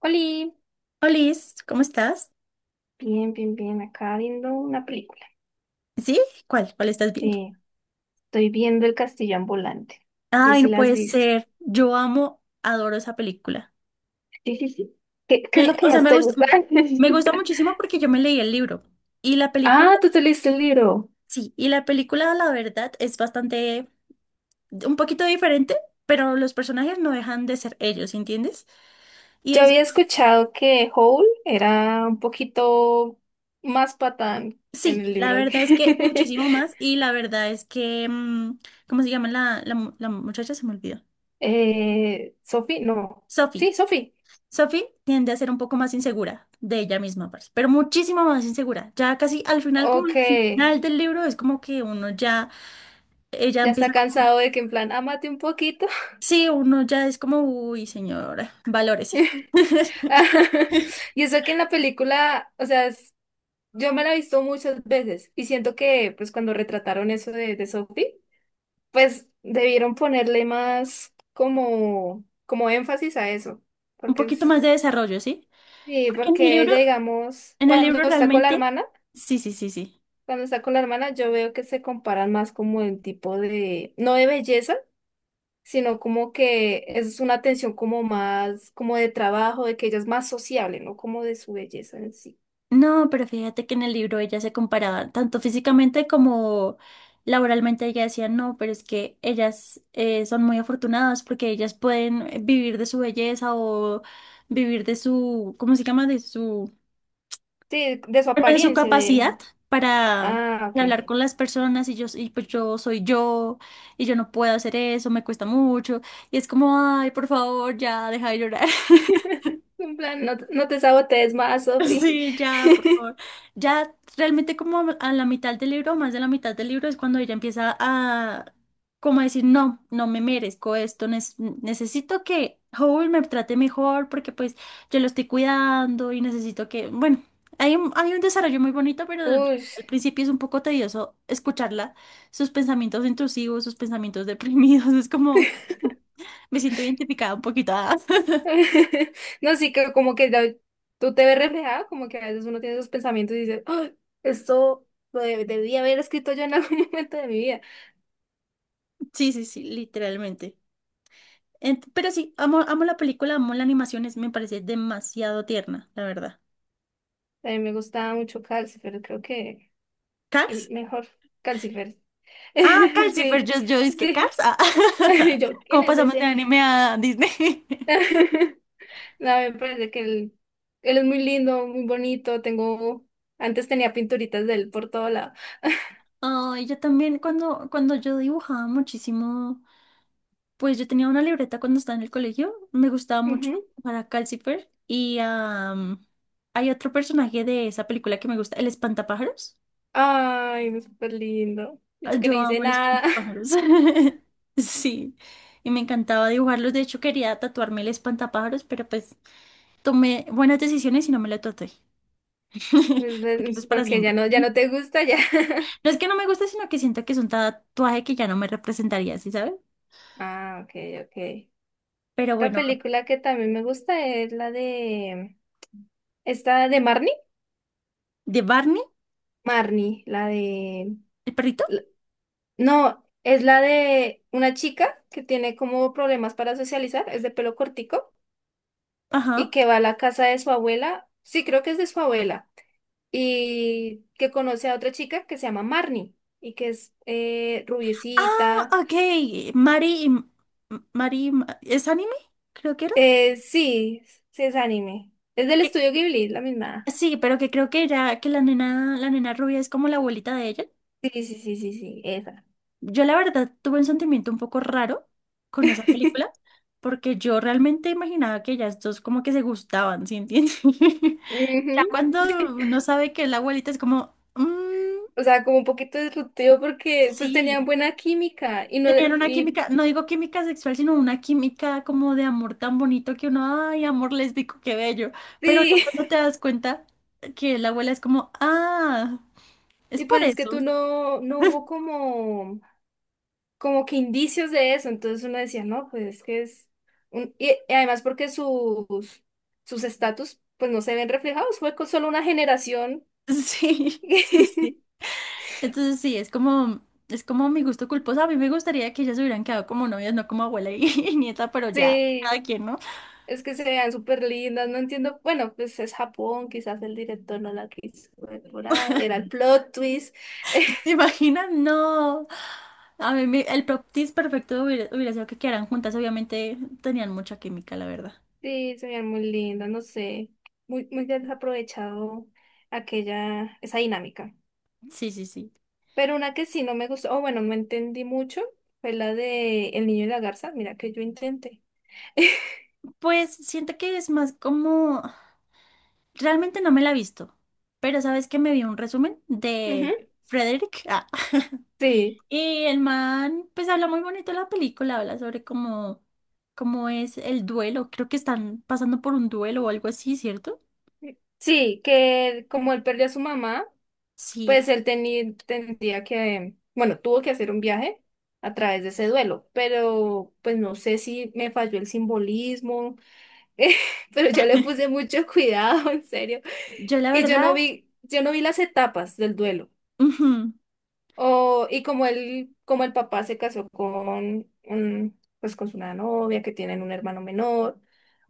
Oli, Olis, ¿cómo estás? bien, bien, bien, acá viendo una película. ¿Sí? ¿Cuál? ¿Cuál estás viendo? Eh, Estoy viendo El Castillo Ambulante. Sí, Ay, sí, no la has puede visto. ser. Yo amo, adoro esa película. Sí, sí, sí. ¿Qué es lo Me- que o sea, más te gusta? me gusta muchísimo porque yo me leí el libro. Y la película, Ah, tú te leíste el libro. sí, y la película, la verdad, es bastante, un poquito diferente, pero los personajes no dejan de ser ellos, ¿entiendes? Y Yo es, había escuchado que Hole era un poquito más patán en sí, el la libro verdad es que que muchísimo más. Y la verdad es que, ¿cómo se llama la muchacha? Se me olvidó. Sophie, no. Sophie. Sí, Sophie. Sophie tiende a ser un poco más insegura de ella misma, parce, pero muchísimo más insegura. Ya casi al final, como Ok, al final del libro, es como que uno ya, ella ya está empieza como, cansado de que en plan, ámate un poquito. sí, uno ya es como, uy, señora, valórese. Y eso que en la película, o sea, yo me la he visto muchas veces y siento que pues cuando retrataron eso de Sophie, pues debieron ponerle más como, como énfasis a eso, Un porque poquito es- más de desarrollo, ¿sí? sí, Porque porque ella digamos, en el libro realmente, sí, sí, sí, sí. cuando está con la hermana yo veo que se comparan más como en tipo de, no de belleza, sino como que es una tensión como más, como de trabajo, de que ella es más sociable, no como de su belleza en sí. No, pero fíjate que en el libro ella se comparaba tanto físicamente como laboralmente. Ella decía, no, pero es que ellas son muy afortunadas porque ellas pueden vivir de su belleza o vivir de su, ¿cómo se llama? De su, Sí, de su bueno, de su apariencia, de, capacidad para, ah, ok. para hablar con las personas y yo, y pues yo soy yo y yo no puedo hacer eso, me cuesta mucho. Y es como, ay, por favor, ya, deja de llorar. En plan, no, te no te sabotees más, Sofi. Sí, ya, por favor. Ya realmente como a la mitad del libro, más de la mitad del libro, es cuando ella empieza a como a decir, no, no me merezco esto, necesito que Howard me trate mejor porque pues yo lo estoy cuidando y necesito que, bueno, hay un desarrollo muy bonito, pero al Uy. al principio es un poco tedioso escucharla, sus pensamientos intrusivos, sus pensamientos deprimidos, es como, me siento identificada un poquito. Ah. No, sí que como que tú te ves reflejado, como que a veces uno tiene esos pensamientos y dice, "Ay, esto lo debía haber escrito yo en algún momento de mi vida. Sí, sí, sí, literalmente. Pero sí, amo, amo la película, amo la animación, me parece demasiado tierna, la verdad. A mí me gustaba mucho Calcifer, creo que el ¿Cars? mejor Calcifer. Ah, Cars, sí, pero yo, Sí, yo dije que sí. Cars. Ah. Yo, ¿quién ¿Cómo es pasamos de ese? anime a Disney? No, me parece que él es muy lindo, muy bonito. Tengo, antes tenía pinturitas de él por todo lado. Ay, yo también cuando, cuando yo dibujaba muchísimo, pues yo tenía una libreta cuando estaba en el colegio, me gustaba mucho para Calcifer y hay otro personaje de esa película que me gusta, el Espantapájaros. Ay, no, súper lindo. Ah, Eso que no yo amo hice los nada. espantapájaros. Sí, y me encantaba dibujarlos. De hecho, quería tatuarme el espantapájaros, pero pues tomé buenas decisiones y no me lo tatué. Porque eso es para Porque ya siempre. no, ya No no te gusta ya. es que no me guste, sino que siento que es un tatuaje que ya no me representaría, ¿sí sabes? Ah, ok, ok. Pero Otra bueno, película que también me gusta es la de. ¿Esta de Marnie? de Barney, Marnie, la de. el perrito. la- No, es la de una chica que tiene como problemas para socializar, es de pelo cortico y Ajá. que va a la casa de su abuela. Sí, creo que es de su abuela. Y que conoce a otra chica que se llama Marnie y que es Ah, rubiecita. ok. Mari, y- M- Mari, ¿es anime? Creo que era. Sí, sí es anime. Es del Eh, estudio Ghibli, la misma. Sí, pero que creo que era que la nena rubia es como la abuelita de ella. Sí, sí, sí, sí, sí, esa. Yo la verdad tuve un sentimiento un poco raro con esa película, porque yo realmente imaginaba que ellas dos como que se gustaban, ¿sí entiendes? Ya Ujú. cuando uno sabe que es la abuelita es como, "Mm, O sea, como un poquito disruptivo porque pues tenían sí, buena química y no tenían una y química, no digo química sexual, sino una química como de amor tan bonito que uno, ay, amor lésbico, qué bello. Pero ya sí, cuando te das cuenta que la abuela es como, ah, es y pues por es que tú eso. no no hubo como como que indicios de eso, entonces uno decía, "No, pues es que es un y además porque sus estatus pues no se ven reflejados, fue con solo una generación. Sí, sí, sí. Entonces sí, es como mi gusto culposo. A mí me gustaría que ellas se hubieran quedado como novias, no como abuela y, y nieta, pero ya, Sí. cada quien, ¿no? Es que se vean súper lindas, no entiendo. Bueno, pues es Japón, quizás el director no la quiso ver por ahí. Era el plot twist. ¿Te imaginas? No. El proptis perfecto hubiera, hubiera sido que quedaran juntas. Obviamente tenían mucha química, la verdad. Sí, se veían muy lindas, no sé. Muy, muy desaprovechado aquella, esa dinámica. Sí, sí, sí. Pero una que sí no me gustó, o bueno, no entendí mucho, fue la de El niño y la garza. Mira que yo intenté. Pues siento que es más como... Realmente no me la he visto, pero sabes que me vi un resumen Ujú. de Frederick. Ah. Sí, Y el man, pues habla muy bonito de la película, habla sobre cómo, cómo es el duelo. Creo que están pasando por un duelo o algo así, ¿cierto? sí, que como él perdió a su mamá. Sí, Pues él tenía, tendría que, bueno, tuvo que hacer un viaje a través de ese duelo, pero pues no sé si me falló el simbolismo, eh, pero yo le puse mucho cuidado, en serio, yo la y verdad, yo no vi las etapas del duelo. ujú, O, y como él, como el papá se casó con un, pues con su una novia que tienen un hermano menor,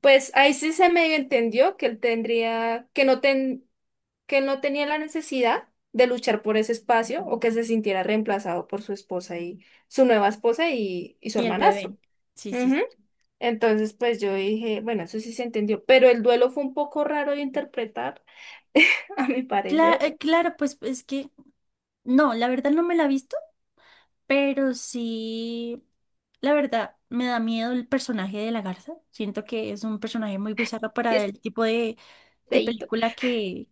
pues ahí sí se me entendió que él tendría, que él no tenía la necesidad de luchar por ese espacio o que se sintiera reemplazado por su esposa y su nueva esposa y su y el bebé. hermanastro. Sí, sí, Ujú. sí. Entonces, pues yo dije, bueno, eso sí se entendió, pero el duelo fue un poco raro de interpretar, a mi parecer, Claro, pues es que, no, la verdad no me la he visto, pero sí, la verdad, me da miedo el personaje de la garza. Siento que es un personaje muy bizarro y para es el tipo de feíto. película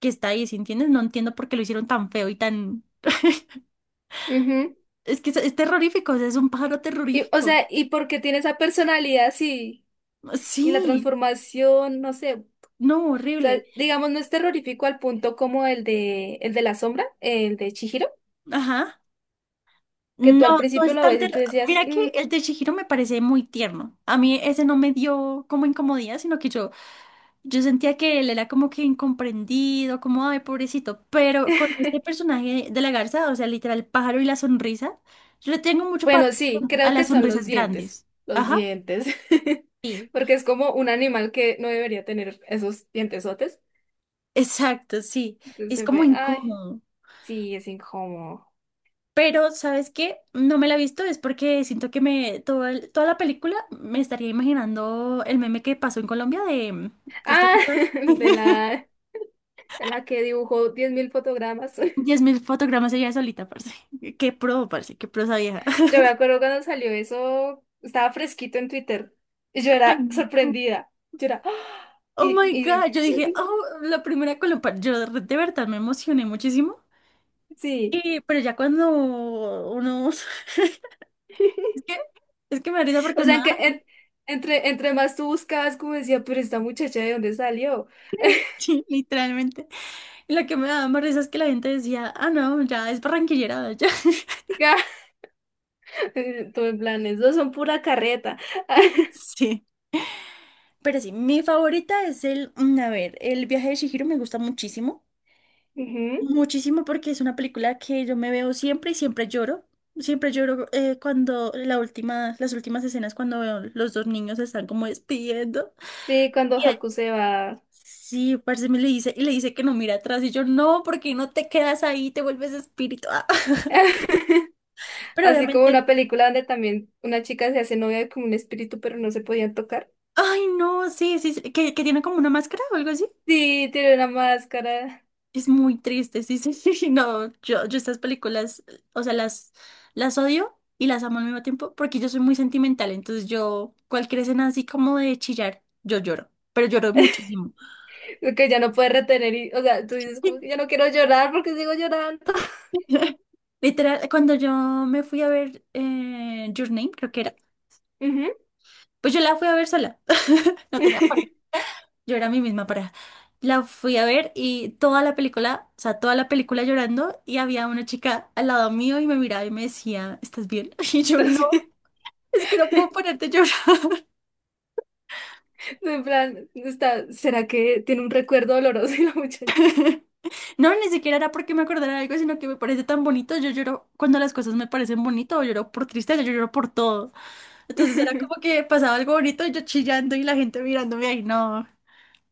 que está ahí, ¿sí entiendes? No entiendo por qué lo hicieron tan feo y tan... Ujú. Es que es terrorífico, o sea, es un pájaro Y, o terrorífico. sea, ¿y porque tiene esa personalidad así? Y la Sí, transformación, no sé, o no, sea, horrible. digamos, no es terrorífico al punto como el el de la sombra, el de Chihiro, Ajá. que No, tú al no principio es lo tan ves y terro- tú decías, Mira que "Mm". el de Chihiro me parece muy tierno. A mí ese no me dio como incomodidad, sino que yo sentía que él era como que incomprendido, como, ay, pobrecito. Pero con este personaje de la garza, o sea, literal, el pájaro y la sonrisa, yo le tengo mucho paro Bueno, sí, a creo que las son sonrisas grandes. los Ajá. dientes, Sí, porque es como un animal que no debería tener esos dientesotes. exacto, sí. Entonces Es se como ve, ay, incómodo. sí, es incómodo. Pero, ¿sabes qué? No me la he visto, es porque siento que me, toda la película me estaría imaginando el meme que pasó en Colombia de esta Ah, chica. de la, de la que dibujó 10.000 fotogramas. 10.000 fotogramas ella solita, parce. Qué pro, parce, qué pro esa vieja. Yo me acuerdo cuando salió eso, estaba fresquito en Twitter y yo Ay, era no. sorprendida. Yo era, ¡ah! Oh my Y God, yo dije, oh, la primera Colombia. Yo de verdad me emocioné muchísimo. sí, Y, pero ya cuando uno. Es que, es que me da risa porque o uno sea, da. Entre, entre más tú buscabas, como decía, pero esta muchacha, ¿de dónde salió? Sí, literalmente. Y lo que me daba más risa es que la gente decía, ah, no, ya es barranquillera, ya. Todo en plan, eso son pura carreta. Sí. Pero sí, mi favorita es el, a ver, El viaje de Chihiro me gusta muchísimo, Ujú. muchísimo porque es una película que yo me veo siempre y siempre lloro. Siempre lloro cuando la última, las últimas escenas cuando veo los dos niños se están como despidiendo. Sí, cuando Y él- Haku se va. sí, parce me le dice, y le dice que no mira atrás y yo no, porque no te quedas ahí, te vuelves espíritu. Ah, pero Así como una obviamente, película donde también una chica se hace novia con un espíritu, pero no se podían tocar. ay no, sí, sí, sí, que tiene como una máscara o algo así. Sí, tiene una máscara Es muy triste, sí, sí, sí, no, yo estas películas, o sea, las odio y las amo al mismo tiempo porque yo soy muy sentimental, entonces yo, cualquier escena así como de chillar, yo lloro, pero lloro muchísimo. que ya no puede retener. Y, o sea, tú dices como que ya no quiero llorar porque sigo llorando. Literal, cuando yo me fui a ver Your Name, creo que era, Ujú. pues yo la fui a ver sola, no tenía pareja, yo era mi misma pareja. La fui a ver y toda la película, o sea, toda la película llorando y había una chica al lado mío y me miraba y me decía, ¿estás bien? Y yo no. Es que no puedo ponerte a llorar. En plan, está, ¿será que tiene un recuerdo doloroso y la muchacha? No, ni siquiera era porque me acordara de algo, sino que me parece tan bonito. Yo lloro cuando las cosas me parecen bonitas, o lloro por tristeza, yo lloro por todo. Entonces era como que pasaba algo bonito y yo chillando y la gente mirándome ahí, no.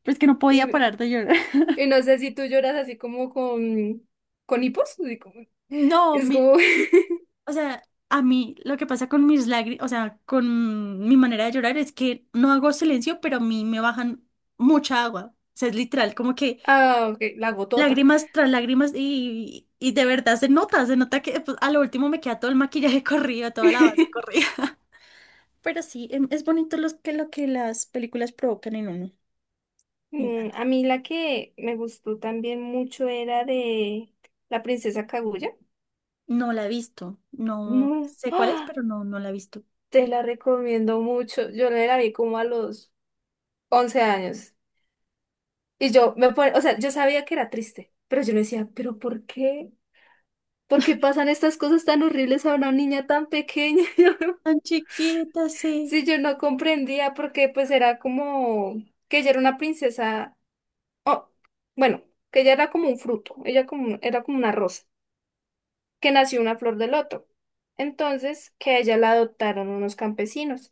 Es que no podía Y, parar de llorar. y no sé si tú lloras así como con hipos. Así como- No, es mi, como mi- o sea, a mí lo que pasa con mis lágrimas, o sea, con mi manera de llorar es que no hago silencio, pero a mí me bajan mucha agua. O sea, es literal, como que Ah, ok, la gotota. lágrimas tras lágrimas y de verdad se nota que pues, a lo último me queda todo el maquillaje corrido, toda la base corrida. Pero sí, es bonito los que, lo que las películas provocan en uno. Me Mm, encanta. a mí la que me gustó también mucho era de La Princesa Kaguya. No la he visto, no No, sé cuál es, ¡ah! pero no, no la he visto. Te la recomiendo mucho. Yo me la vi como a los 11 años. Y yo me pone, o sea, yo sabía que era triste, pero yo me decía, ¿pero por qué? ¿Por qué pasan estas cosas tan horribles a una niña tan pequeña? Tan chiquita, sí. Si yo no comprendía, porque pues era como que ella era una princesa. Oh, bueno, que ella era como un fruto, ella como, era como una rosa, que nació una flor del otro. Entonces, que a ella la adoptaron unos campesinos.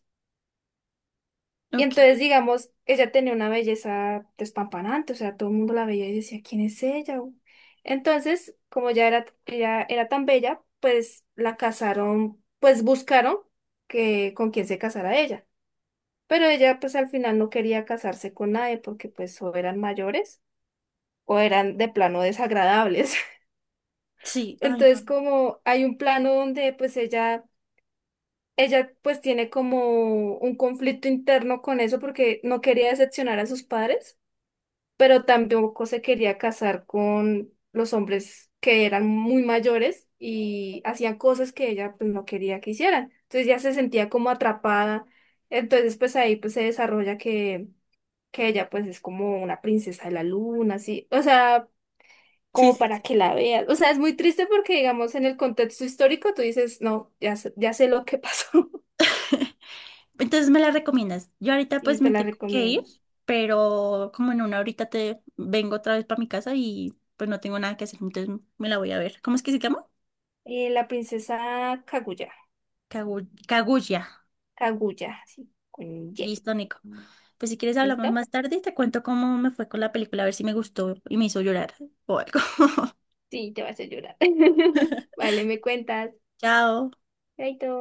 Y Ok, entonces, digamos, ella tenía una belleza despampanante, o sea, todo el mundo la veía y decía, ¿quién es ella?". U?". Entonces, como ya era, ella era tan bella, pues la casaron, pues buscaron que con quién se casara ella. Pero ella, pues al final no quería casarse con nadie porque pues o eran mayores o eran de plano desagradables. sí, ay, Entonces, no. como hay un plano donde pues ella pues tiene como un conflicto interno con eso porque no quería decepcionar a sus padres, pero tampoco se quería casar con los hombres que eran muy mayores y hacían cosas que ella pues no quería que hicieran. Entonces ya se sentía como atrapada. Entonces, pues ahí pues se desarrolla que ella pues es como una princesa de la luna, así. O sea, Sí, como sí, para sí. que la veas. O sea, es muy triste porque, digamos, en el contexto histórico tú dices, no, ya sé lo que pasó Entonces me la recomiendas. Yo ahorita pues y te me la tengo que ir, recomiendo. pero como en una horita te vengo otra vez para mi casa y pues no tengo nada que hacer, entonces me la voy a ver. ¿Cómo es que se llama? La princesa Kaguya. Kaguya. Kaguya, sí, con Y. Listo, Nico. Pues si quieres hablamos ¿Listo? más tarde y te cuento cómo me fue con la película, a ver si me gustó y me hizo llorar o algo. Sí, te vas a hacer llorar. Vale, me cuentas. Chao. Chaito.